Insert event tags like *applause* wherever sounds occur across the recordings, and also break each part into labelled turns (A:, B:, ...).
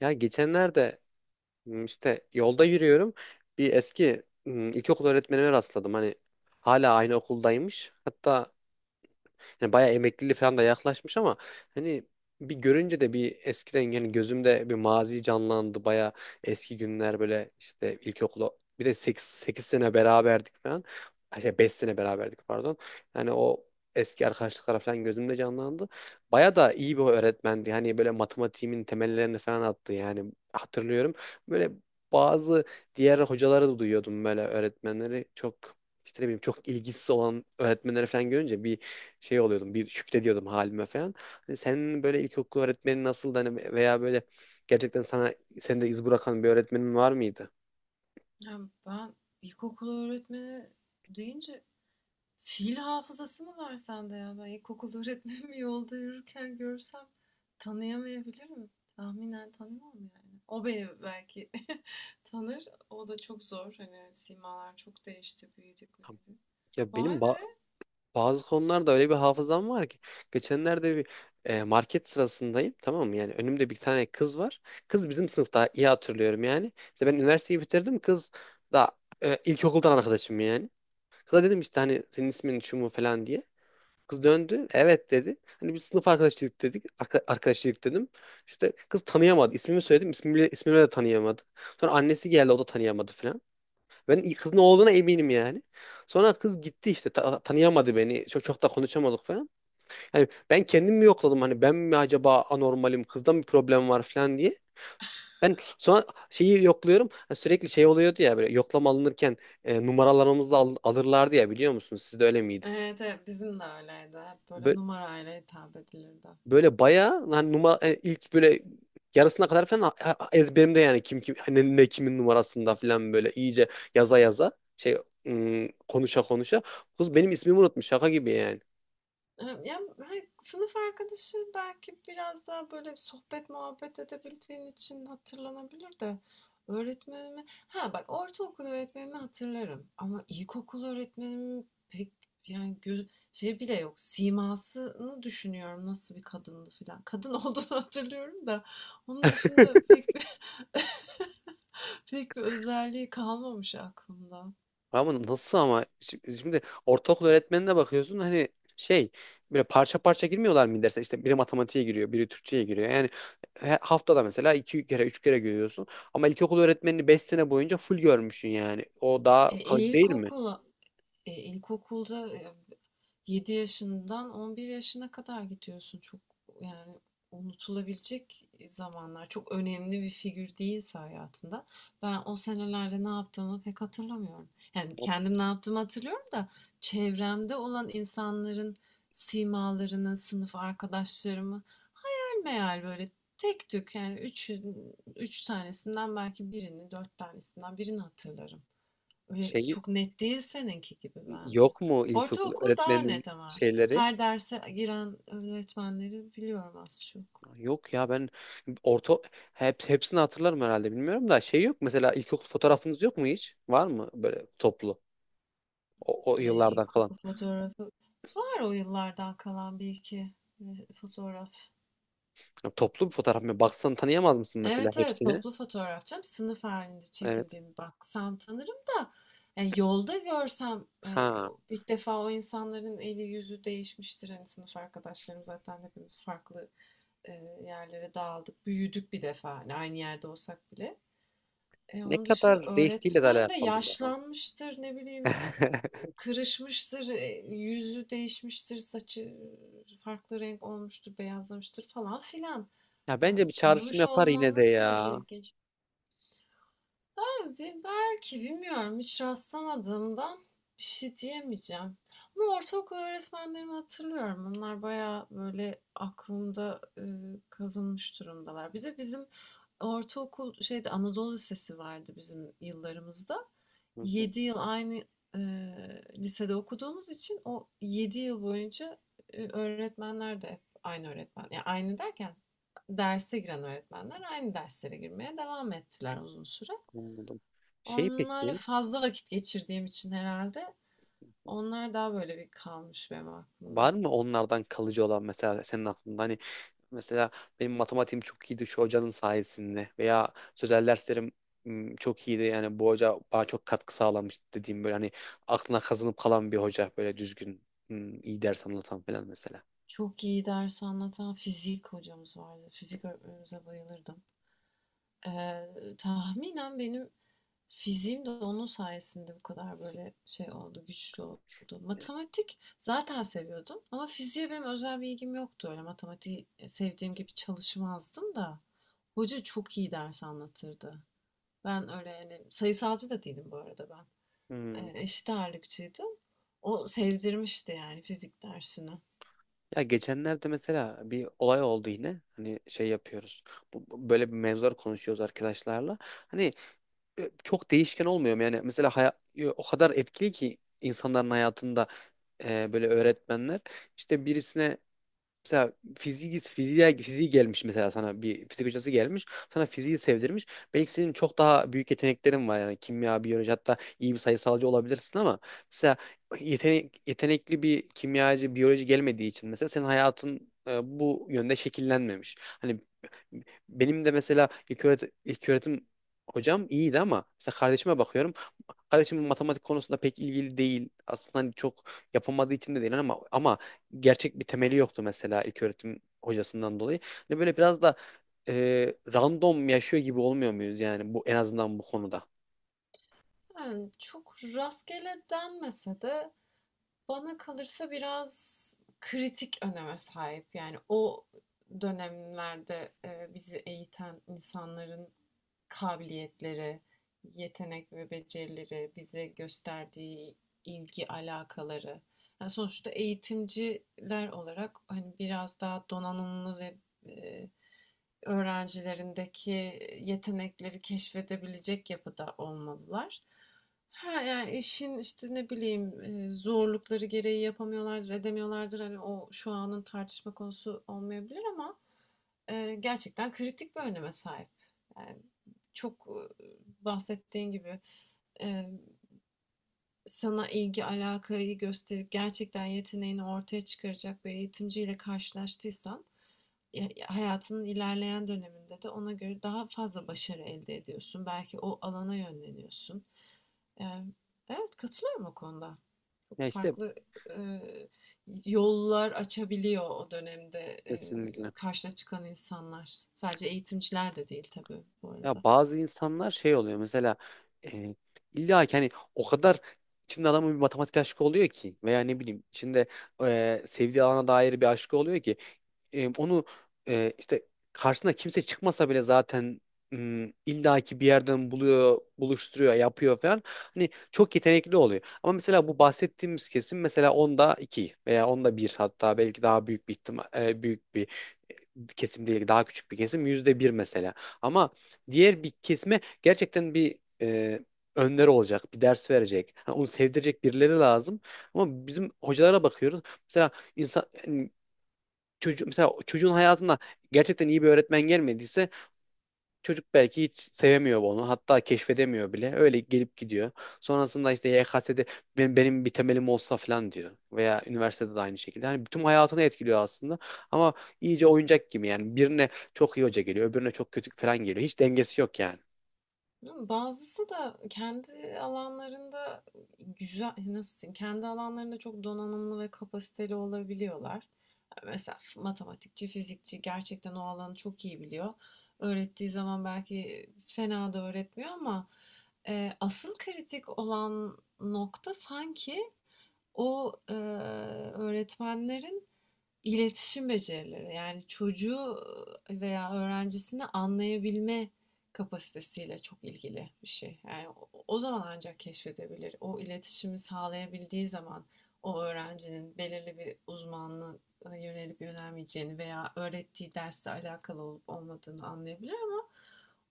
A: Ya geçenlerde işte yolda yürüyorum. Bir eski ilkokul öğretmenime rastladım. Hani hala aynı okuldaymış. Hatta yani bayağı emekliliği falan da yaklaşmış ama hani bir görünce de bir eskiden yani gözümde bir mazi canlandı. Bayağı eski günler böyle işte ilkokula bir de 8 sene beraberdik falan. Ay şey, 5 sene beraberdik pardon. Yani o eski arkadaşlıklar falan gözümde canlandı. Baya da iyi bir öğretmendi. Hani böyle matematiğimin temellerini falan attı yani hatırlıyorum. Böyle bazı diğer hocaları da duyuyordum, böyle öğretmenleri çok, işte ne bileyim, çok ilgisiz olan öğretmenleri falan görünce bir şey oluyordum, bir şükrediyordum halime falan. Hani senin böyle ilkokul öğretmenin nasıldı, hani veya böyle gerçekten sana seni de iz bırakan bir öğretmenin var mıydı?
B: Ya, ben ilkokul öğretmeni deyince fiil hafızası mı var sende ya? Ben ilkokul öğretmenimi *laughs* yolda yürürken görsem tanıyamayabilirim. Tahminen tanımam yani. O beni belki *laughs* tanır. O da çok zor. Hani simalar çok değişti. Büyüdük büyüdük.
A: Ya benim
B: Vay be.
A: bazı konularda öyle bir hafızam var ki geçenlerde bir market sırasındayım, tamam mı? Yani önümde bir tane kız var. Kız bizim sınıfta, iyi hatırlıyorum yani. İşte ben üniversiteyi bitirdim, kız da ilkokuldan arkadaşım yani. Kıza dedim işte, hani senin ismin şu mu falan diye. Kız döndü. Evet dedi. Hani bir sınıf arkadaşlık dedik. Arkadaşlık dedim. İşte kız tanıyamadı. İsmimi söyledim. İsmimi de tanıyamadı. Sonra annesi geldi. O da tanıyamadı falan. Ben kızın olduğuna eminim yani. Sonra kız gitti işte. Tanıyamadı beni. Çok da konuşamadık falan. Yani ben kendimi yokladım. Hani ben mi acaba anormalim? Kızda mı problem var falan diye. Ben sonra şeyi yokluyorum. Hani sürekli şey oluyordu ya, böyle yoklama alınırken numaralarımızı alırlardı ya, biliyor musunuz? Sizde öyle miydi?
B: Evet, evet, bizim de öyleydi. Hep böyle numarayla hitap edilirdi.
A: Böyle bayağı hani numara, hani ilk böyle yarısına kadar falan ezberimde yani, kim kim, hani ne kimin numarasında falan, böyle iyice yaza yaza şey, konuşa konuşa kız benim ismimi unutmuş, şaka gibi yani.
B: Ya, hani, sınıf arkadaşı belki biraz daha böyle sohbet muhabbet edebildiğin için hatırlanabilir de Ha, bak, ortaokul öğretmenimi hatırlarım ama ilkokul öğretmenimin pek yani göz şey bile yok, simasını düşünüyorum nasıl bir kadındı filan. Kadın olduğunu *laughs* hatırlıyorum da onun dışında pek bir *laughs* pek bir özelliği kalmamış aklımda.
A: Ama nasıl ama şimdi ortaokul öğretmenine bakıyorsun, hani şey, böyle parça parça girmiyorlar mı derse? İşte biri matematiğe giriyor, biri Türkçe'ye giriyor yani. Haftada mesela iki kere üç kere görüyorsun ama ilkokul öğretmenini beş sene boyunca full görmüşsün yani o
B: E,
A: daha kalıcı değil mi?
B: ilkokul E, ilkokulda, 7 yaşından 11 yaşına kadar gidiyorsun. Çok yani unutulabilecek zamanlar. Çok önemli bir figür değilse hayatında. Ben o senelerde ne yaptığımı pek hatırlamıyorum. Yani kendim ne yaptığımı hatırlıyorum da çevremde olan insanların simalarını, sınıf arkadaşlarımı hayal meyal böyle tek tük yani üç tanesinden belki birini, dört tanesinden birini hatırlarım. Öyle
A: Şey,
B: çok net değil seninki gibi
A: yok
B: bende.
A: mu ilkokul
B: Ortaokul daha
A: öğretmeninin
B: net ama.
A: şeyleri?
B: Her derse giren öğretmenleri biliyorum az çok.
A: Yok ya, ben orta, hepsini hatırlarım herhalde, bilmiyorum da şey, yok mesela ilkokul fotoğrafınız yok mu hiç? Var mı böyle toplu o
B: Ne
A: yıllardan kalan?
B: ilkokul fotoğrafı var o yıllardan kalan bir iki fotoğraf.
A: Ya toplu bir fotoğraf mı? Baksan tanıyamaz mısın mesela
B: Evet, evet,
A: hepsini?
B: toplu fotoğraf canım. Sınıf halinde
A: Evet.
B: çekildiğimi baksam tanırım da yani yolda görsem
A: Ha,
B: ilk defa o insanların eli yüzü değişmiştir. Hani sınıf arkadaşlarım zaten hepimiz farklı yerlere dağıldık. Büyüdük bir defa hani aynı yerde olsak bile.
A: ne
B: Onun dışında
A: kadar değiştiğiyle de
B: öğretmen de
A: alakalı ya.
B: yaşlanmıştır, ne bileyim,
A: *laughs*
B: kırışmıştır, yüzü değişmiştir, saçı farklı renk olmuştur, beyazlamıştır falan filan.
A: Ya bence bir çağrışım
B: Tanımış
A: yapar yine de
B: olmanız bile
A: ya.
B: ilginç. Abi belki bilmiyorum, hiç rastlamadığımdan bir şey diyemeyeceğim. Ama ortaokul öğretmenlerimi hatırlıyorum. Onlar bayağı böyle aklımda kazınmış durumdalar. Bir de bizim ortaokul şeyde Anadolu Lisesi vardı bizim yıllarımızda.
A: Hı hı,
B: 7 yıl aynı e, lisede okuduğumuz için o 7 yıl boyunca öğretmenler de hep aynı öğretmen. Yani aynı derken derse giren öğretmenler aynı derslere girmeye devam ettiler uzun süre.
A: anladım. Şey
B: Onlarla
A: peki,
B: fazla vakit geçirdiğim için herhalde onlar daha böyle bir kalmış benim aklımda.
A: var mı onlardan kalıcı olan mesela senin aklında? Hani mesela benim matematiğim çok iyiydi şu hocanın sayesinde, veya sözel derslerim çok iyiydi yani, bu hoca bana çok katkı sağlamış dediğim, böyle hani aklına kazınıp kalan bir hoca, böyle düzgün, iyi ders anlatan falan mesela.
B: Çok iyi ders anlatan fizik hocamız vardı. Fizik öğretmenimize bayılırdım. Ee, tahminen benim fiziğim de onun sayesinde bu kadar böyle şey oldu, güçlü oldu. Matematik zaten seviyordum ama fiziğe benim özel bir ilgim yoktu. Öyle matematiği sevdiğim gibi çalışmazdım da. Hoca çok iyi ders anlatırdı. Ben öyle yani sayısalcı da değilim bu arada ben.
A: Hmm.
B: Eşit ağırlıkçıydı. O sevdirmişti yani fizik dersini.
A: Ya geçenlerde mesela bir olay oldu yine. Hani şey yapıyoruz. Böyle bir mevzular konuşuyoruz arkadaşlarla. Hani çok değişken olmuyor mu? Yani mesela o kadar etkili ki insanların hayatında böyle öğretmenler. İşte birisine, mesela fiziği gelmiş, mesela sana bir fizik hocası gelmiş. Sana fiziği sevdirmiş. Belki senin çok daha büyük yeteneklerin var. Yani kimya, biyoloji, hatta iyi bir sayısalcı olabilirsin ama mesela yetenekli bir kimyacı, biyoloji gelmediği için mesela senin hayatın bu yönde şekillenmemiş. Hani benim de mesela ilk öğretim hocam iyiydi ama işte kardeşime bakıyorum. Kardeşim matematik konusunda pek ilgili değil. Aslında hani çok yapamadığı için de değil ama gerçek bir temeli yoktu mesela ilk öğretim hocasından dolayı. Hani böyle biraz da random yaşıyor gibi olmuyor muyuz yani, bu en azından bu konuda?
B: Yani çok rastgele denmese de bana kalırsa biraz kritik öneme sahip. Yani o dönemlerde, bizi eğiten insanların kabiliyetleri, yetenek ve becerileri, bize gösterdiği ilgi, alakaları. Yani sonuçta eğitimciler olarak hani biraz daha donanımlı ve, eee, öğrencilerindeki yetenekleri keşfedebilecek yapıda olmalılar. Ha yani işin işte ne bileyim zorlukları gereği yapamıyorlardır, edemiyorlardır. Hani o şu anın tartışma konusu olmayabilir ama gerçekten kritik bir öneme sahip. Yani çok e, bahsettiğin gibi. e, sana ilgi, alakayı gösterip gerçekten yeteneğini ortaya çıkaracak bir eğitimciyle karşılaştıysan, hayatının ilerleyen döneminde de ona göre daha fazla başarı elde ediyorsun. Belki o alana yönleniyorsun. Ee, evet, katılıyorum o konuda. Çok
A: Ya işte
B: farklı e, yollar açabiliyor o dönemde
A: kesinlikle.
B: karşına çıkan insanlar. Sadece eğitimciler de değil tabii bu
A: Ya
B: arada.
A: bazı insanlar şey oluyor mesela, e, illa ki hani o kadar içinde adamın bir matematik aşkı oluyor ki, veya ne bileyim içinde sevdiği alana dair bir aşkı oluyor ki e, onu işte karşısına kimse çıkmasa bile zaten illa ki bir yerden buluyor, buluşturuyor, yapıyor falan. Hani çok yetenekli oluyor. Ama mesela bu bahsettiğimiz kesim, mesela onda iki veya onda bir, hatta belki daha büyük bir ihtimal, büyük bir kesim değil, daha küçük bir kesim, %1 mesela. Ama diğer bir kesime gerçekten bir önleri olacak, bir ders verecek, ha, onu sevdirecek birileri lazım. Ama bizim hocalara bakıyoruz. Mesela insan yani mesela çocuğun hayatına gerçekten iyi bir öğretmen gelmediyse, çocuk belki hiç sevemiyor onu. Hatta keşfedemiyor bile. Öyle gelip gidiyor. Sonrasında işte YKS'de benim bir temelim olsa falan diyor. Veya üniversitede de aynı şekilde. Hani bütün hayatını etkiliyor aslında. Ama iyice oyuncak gibi yani. Birine çok iyi hoca geliyor, öbürüne çok kötü falan geliyor. Hiç dengesi yok yani.
B: Bazısı da kendi alanlarında güzel, nasıl diyeyim, kendi alanlarında çok donanımlı ve kapasiteli olabiliyorlar. Yani mesela matematikçi, fizikçi gerçekten o alanı çok iyi biliyor. Öğrettiği zaman belki fena da öğretmiyor ama asıl kritik olan nokta sanki o öğretmenlerin İletişim becerileri, yani çocuğu veya öğrencisini anlayabilme kapasitesiyle çok ilgili bir şey. Yani o zaman ancak keşfedebilir. O iletişimi sağlayabildiği zaman o öğrencinin belirli bir uzmanlığa yönelip yönelmeyeceğini veya öğrettiği dersle alakalı olup olmadığını anlayabilir ama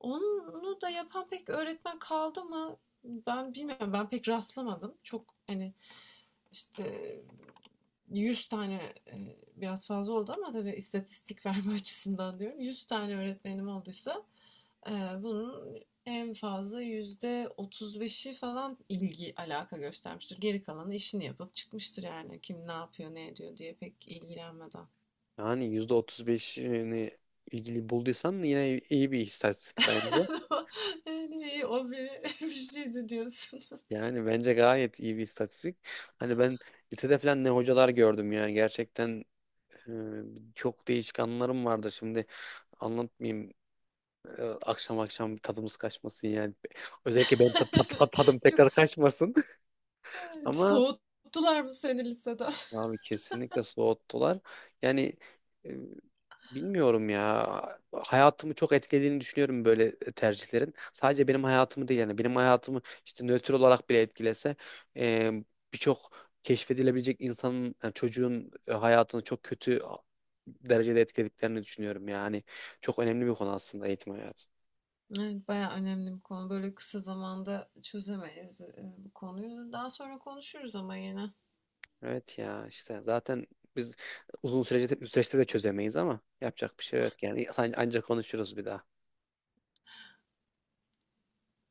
B: onu da yapan pek öğretmen kaldı mı? Ben bilmiyorum. Ben pek rastlamadım. Çok hani işte 100 tane, e, biraz fazla oldu ama tabii istatistik *laughs* verme açısından diyorum. 100 tane öğretmenim olduysa, e, bunun en fazla %35'i falan ilgi, alaka göstermiştir. Geri kalanı işini yapıp çıkmıştır yani. Kim ne yapıyor, ne ediyor diye pek ilgilenmeden.
A: Yani %35'ini ilgili bulduysan yine iyi bir istatistik bence.
B: *laughs* Yani o bir, *laughs* bir şeydi diyorsun.
A: Yani bence gayet iyi bir istatistik. Hani ben lisede falan ne hocalar gördüm yani, gerçekten e, çok değişik anılarım vardı şimdi. Anlatmayayım. Akşam akşam tadımız kaçmasın yani. Özellikle benim
B: *laughs*
A: tadım
B: Çok
A: tekrar kaçmasın. *laughs*
B: evet,
A: Ama
B: soğuttular mı seni liseden?
A: abi kesinlikle soğuttular. Yani e, bilmiyorum ya. Hayatımı çok etkilediğini düşünüyorum böyle tercihlerin. Sadece benim hayatımı değil yani. Benim hayatımı işte nötr olarak bile etkilese e, birçok keşfedilebilecek insanın, yani çocuğun hayatını çok kötü derecede etkilediklerini düşünüyorum. Yani çok önemli bir konu aslında eğitim hayatı.
B: Evet, bayağı önemli bir konu. Böyle kısa zamanda çözemeyiz bu konuyu. Daha sonra konuşuruz ama yine.
A: Evet ya, işte zaten biz süreçte de çözemeyiz ama yapacak bir şey yok yani. Ancak konuşuruz bir daha.